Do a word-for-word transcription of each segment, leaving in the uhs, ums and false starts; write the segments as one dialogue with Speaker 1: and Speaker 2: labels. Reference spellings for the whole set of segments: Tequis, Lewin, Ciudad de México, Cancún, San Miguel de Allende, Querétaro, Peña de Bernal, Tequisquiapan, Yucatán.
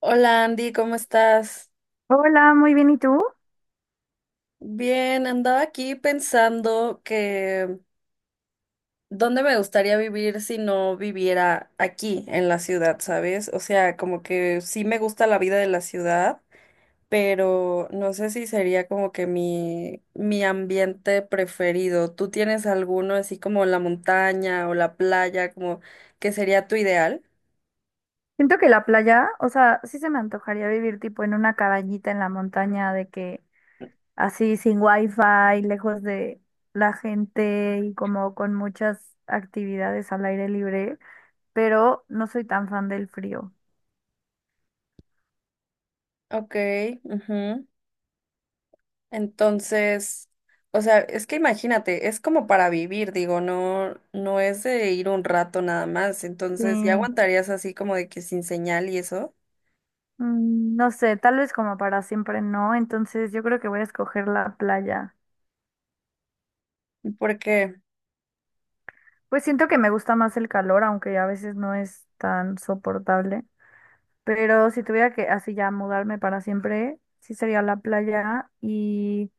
Speaker 1: Hola Andy, ¿cómo estás?
Speaker 2: Hola, muy bien, ¿y tú?
Speaker 1: Bien, andaba aquí pensando que dónde me gustaría vivir si no viviera aquí en la ciudad, ¿sabes? O sea, como que sí me gusta la vida de la ciudad, pero no sé si sería como que mi mi ambiente preferido. ¿Tú tienes alguno así como la montaña o la playa, como que sería tu ideal?
Speaker 2: Siento que la playa, o sea, sí se me antojaría vivir tipo en una cabañita en la montaña, de que así sin wifi, lejos de la gente y como con muchas actividades al aire libre, pero no soy tan fan del frío.
Speaker 1: Ok, ujú. Entonces, o sea, es que imagínate, es como para vivir, digo, no, no es de ir un rato nada más.
Speaker 2: Sí,
Speaker 1: Entonces, ¿ya aguantarías así como de que sin señal y eso?
Speaker 2: mm, no sé, tal vez como para siempre no, entonces yo creo que voy a escoger la playa.
Speaker 1: ¿Por qué?
Speaker 2: Pues siento que me gusta más el calor, aunque a veces no es tan soportable. Pero si tuviera que así ya mudarme para siempre, sí sería la playa y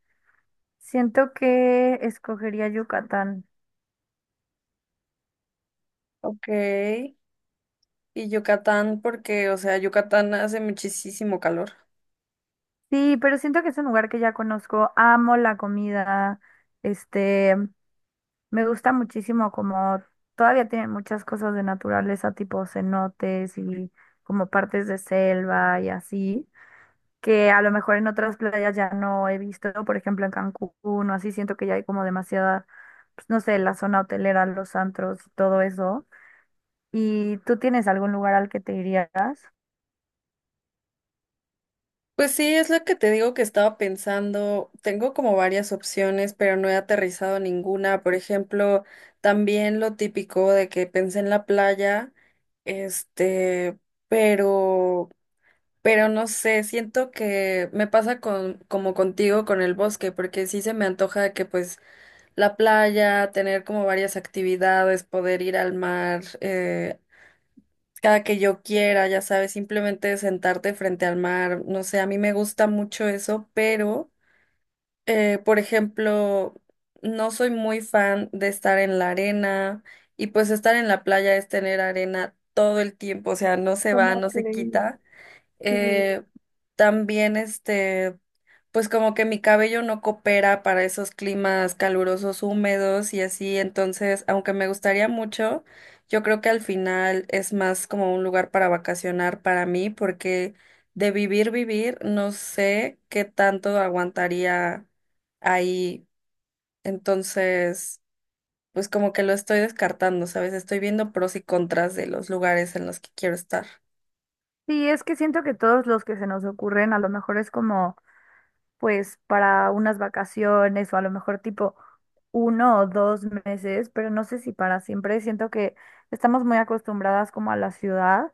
Speaker 2: siento que escogería Yucatán.
Speaker 1: Ok. Y Yucatán, porque, o sea, Yucatán hace muchísimo calor.
Speaker 2: Sí, pero siento que es un lugar que ya conozco, amo la comida, este, me gusta muchísimo como todavía tienen muchas cosas de naturaleza, tipo cenotes y como partes de selva y así, que a lo mejor en otras playas ya no he visto. Por ejemplo en Cancún o así, siento que ya hay como demasiada, pues, no sé, la zona hotelera, los antros, todo eso. ¿Y tú tienes algún lugar al que te irías?
Speaker 1: Pues sí, es lo que te digo que estaba pensando. Tengo como varias opciones, pero no he aterrizado ninguna. Por ejemplo, también lo típico de que pensé en la playa, este, pero Pero no sé, siento que me pasa con, como contigo con el bosque, porque sí se me antoja que pues la playa, tener como varias actividades, poder ir al mar eh, cada que yo quiera, ya sabes, simplemente sentarte frente al mar, no sé, a mí me gusta mucho eso, pero eh, por ejemplo, no soy muy fan de estar en la arena y pues estar en la playa es tener arena todo el tiempo, o sea, no se va,
Speaker 2: ¿Cómo
Speaker 1: no se
Speaker 2: creí?
Speaker 1: quita.
Speaker 2: Sí,
Speaker 1: Eh, también este, pues como que mi cabello no coopera para esos climas calurosos, húmedos y así, entonces, aunque me gustaría mucho, yo creo que al final es más como un lugar para vacacionar para mí, porque de vivir, vivir, no sé qué tanto aguantaría ahí, entonces, pues como que lo estoy descartando, ¿sabes? Estoy viendo pros y contras de los lugares en los que quiero estar.
Speaker 2: sí, es que siento que todos los que se nos ocurren a lo mejor es como, pues, para unas vacaciones o a lo mejor tipo uno o dos meses, pero no sé si para siempre. Siento que estamos muy acostumbradas como a la ciudad.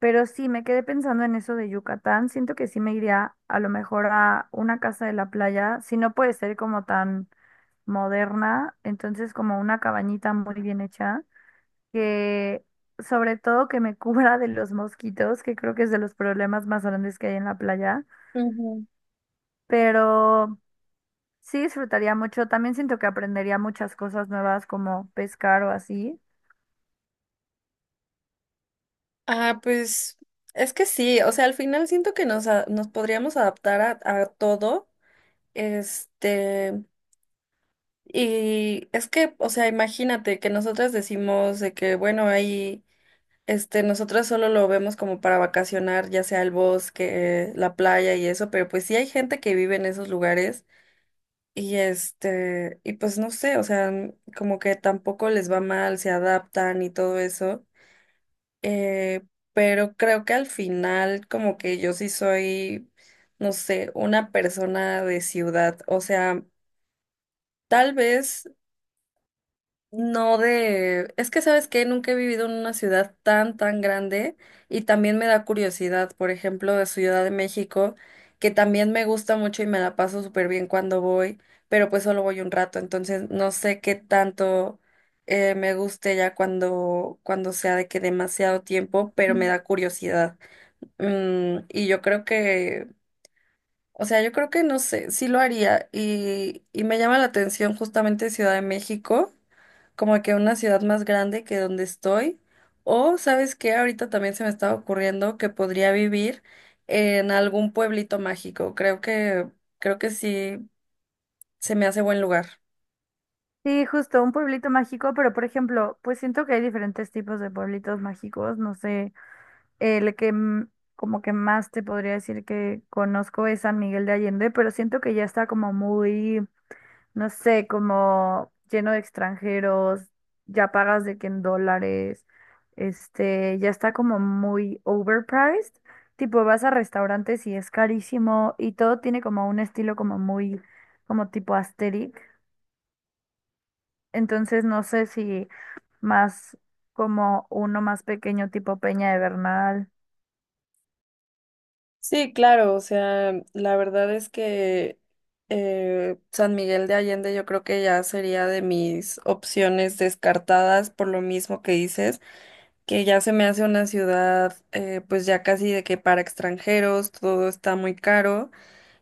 Speaker 2: Pero sí, me quedé pensando en eso de Yucatán. Siento que sí me iría a lo mejor a una casa de la playa, si no puede ser como tan moderna, entonces como una cabañita muy bien hecha, que sobre todo que me cubra de los mosquitos, que creo que es de los problemas más grandes que hay en la playa,
Speaker 1: Ujú.
Speaker 2: pero sí disfrutaría mucho. También siento que aprendería muchas cosas nuevas como pescar o así.
Speaker 1: Ah, pues es que sí, o sea, al final siento que nos, a- nos podríamos adaptar a, a todo, este, y es que, o sea, imagínate que nosotras decimos de que, bueno, ahí, este, nosotras solo lo vemos como para vacacionar, ya sea el bosque, la playa y eso, pero pues sí hay gente que vive en esos lugares y este, y pues no sé, o sea, como que tampoco les va mal, se adaptan y todo eso. Eh, pero creo que al final como que yo sí soy, no sé, una persona de ciudad. O sea, tal vez no de... Es que, ¿sabes qué? Nunca he vivido en una ciudad tan, tan grande y también me da curiosidad, por ejemplo, de Ciudad de México, que también me gusta mucho y me la paso súper bien cuando voy, pero pues solo voy un rato, entonces no sé qué tanto eh, me guste ya cuando, cuando sea de que demasiado tiempo, pero me da curiosidad. Mm, y yo creo que, o sea, yo creo que no sé, sí lo haría. Y, y me llama la atención justamente Ciudad de México, como que una ciudad más grande que donde estoy. O, ¿sabes qué? Ahorita también se me estaba ocurriendo que podría vivir en algún pueblito mágico. Creo que, creo que sí se me hace buen lugar.
Speaker 2: Sí, justo, un pueblito mágico, pero por ejemplo, pues siento que hay diferentes tipos de pueblitos mágicos, no sé, el que mm, como que más te podría decir que conozco es San Miguel de Allende, pero siento que ya está como muy, no sé, como lleno de extranjeros, ya pagas de que en dólares, este, ya está como muy overpriced, tipo vas a restaurantes y es carísimo y todo tiene como un estilo como muy, como tipo asteric, entonces no sé si más como uno más pequeño tipo Peña de Bernal.
Speaker 1: Sí, claro, o sea, la verdad es que eh, San Miguel de Allende yo creo que ya sería de mis opciones descartadas por lo mismo que dices, que ya se me hace una ciudad eh, pues ya casi de que para extranjeros todo está muy caro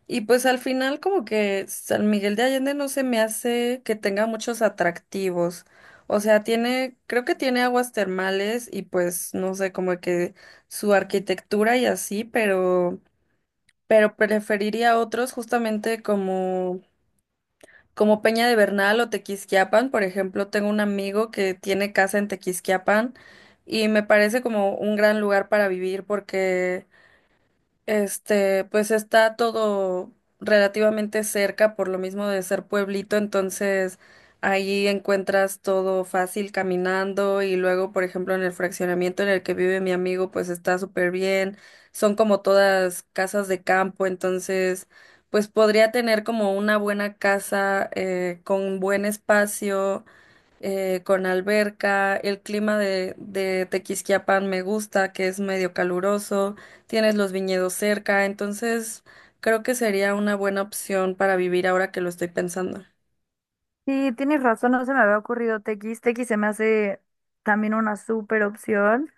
Speaker 1: y pues al final como que San Miguel de Allende no se me hace que tenga muchos atractivos, o sea, tiene, creo que tiene aguas termales y pues no sé, como que su arquitectura y así, pero pero preferiría otros justamente como, como Peña de Bernal o Tequisquiapan. Por ejemplo, tengo un amigo que tiene casa en Tequisquiapan y me parece como un gran lugar para vivir porque este, pues está todo relativamente cerca por lo mismo de ser pueblito, entonces ahí encuentras todo fácil caminando y luego, por ejemplo, en el fraccionamiento en el que vive mi amigo, pues está súper bien. Son como todas casas de campo, entonces pues podría tener como una buena casa eh, con buen espacio eh, con alberca. El clima de, de Tequisquiapan me gusta, que es medio caluroso. Tienes los viñedos cerca, entonces creo que sería una buena opción para vivir ahora que lo estoy pensando.
Speaker 2: Sí, tienes razón, no se me había ocurrido T X. T X se me hace también una súper opción.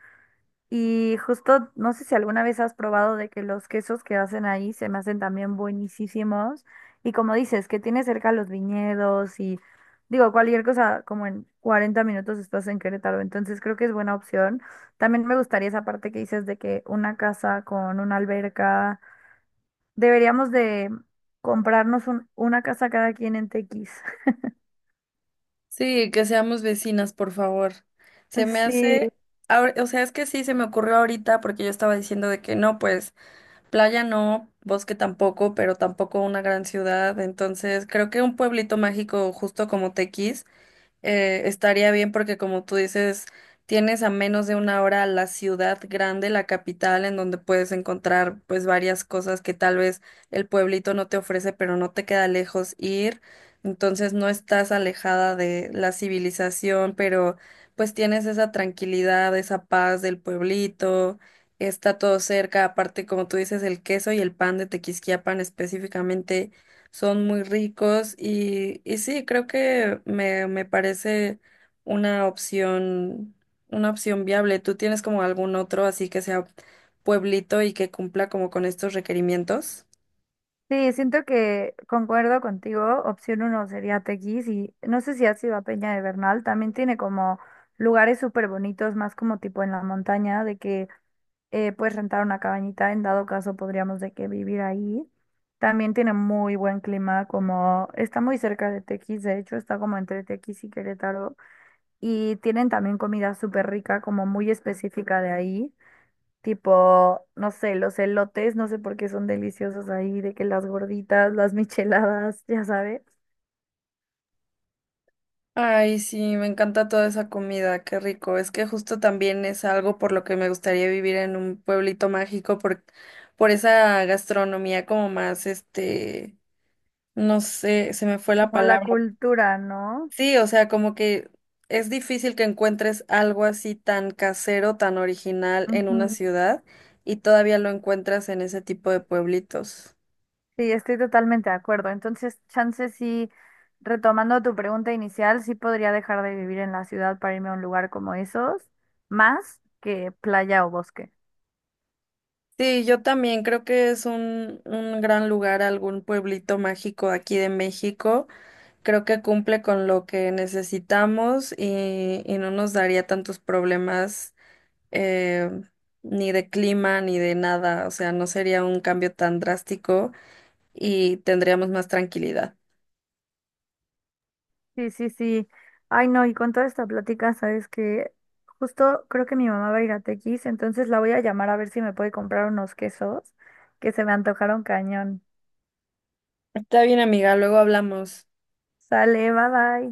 Speaker 2: Y justo, no sé si alguna vez has probado de que los quesos que hacen ahí se me hacen también buenísimos. Y como dices, que tiene cerca los viñedos y digo, cualquier cosa, como en cuarenta minutos estás en Querétaro. Entonces creo que es buena opción. También me gustaría esa parte que dices de que una casa con una alberca. Deberíamos de comprarnos un- una casa cada quien en Tequis.
Speaker 1: Sí, que seamos vecinas, por favor. Se me
Speaker 2: Sí,
Speaker 1: hace, ahor- o sea, es que sí, se me ocurrió ahorita porque yo estaba diciendo de que no, pues playa no, bosque tampoco, pero tampoco una gran ciudad. Entonces creo que un pueblito mágico justo como Tequis eh, estaría bien porque como tú dices, tienes a menos de una hora la ciudad grande, la capital, en donde puedes encontrar pues varias cosas que tal vez el pueblito no te ofrece, pero no te queda lejos ir. Entonces no estás alejada de la civilización, pero pues tienes esa tranquilidad, esa paz del pueblito, está todo cerca, aparte como tú dices, el queso y el pan de Tequisquiapan específicamente son muy ricos y, y sí, creo que me, me parece una opción, una opción viable. ¿Tú tienes como algún otro así que sea pueblito y que cumpla como con estos requerimientos?
Speaker 2: sí, siento que concuerdo contigo. Opción uno sería Tequis y no sé si has ido a Peña de Bernal. También tiene como lugares súper bonitos, más como tipo en la montaña, de que eh, puedes rentar una cabañita. En dado caso, podríamos de que vivir ahí. También tiene muy buen clima, como está muy cerca de Tequis. De hecho, está como entre Tequis y Querétaro. Y tienen también comida súper rica, como muy específica de ahí. Tipo, no sé, los elotes, no sé por qué son deliciosos ahí, de que las gorditas, las micheladas, ya sabes.
Speaker 1: Ay, sí, me encanta toda esa comida, qué rico. Es que justo también es algo por lo que me gustaría vivir en un pueblito mágico por, por esa gastronomía como más, este, no sé, se me fue la
Speaker 2: Como la
Speaker 1: palabra.
Speaker 2: cultura, ¿no?
Speaker 1: Sí, o sea, como que es difícil que encuentres algo así tan casero, tan original en una
Speaker 2: Ujú.
Speaker 1: ciudad y todavía lo encuentras en ese tipo de pueblitos.
Speaker 2: Sí, estoy totalmente de acuerdo. Entonces, chance sí, retomando tu pregunta inicial, sí podría dejar de vivir en la ciudad para irme a un lugar como esos, más que playa o bosque.
Speaker 1: Sí, yo también creo que es un, un gran lugar, algún pueblito mágico aquí de México. Creo que cumple con lo que necesitamos y, y no nos daría tantos problemas eh, ni de clima ni de nada. O sea, no sería un cambio tan drástico y tendríamos más tranquilidad.
Speaker 2: Sí, sí, sí. Ay, no, y con toda esta plática, sabes que justo creo que mi mamá va a ir a Tequis, entonces la voy a llamar a ver si me puede comprar unos quesos que se me antojaron cañón.
Speaker 1: Está bien, amiga, luego hablamos.
Speaker 2: Sale, bye bye.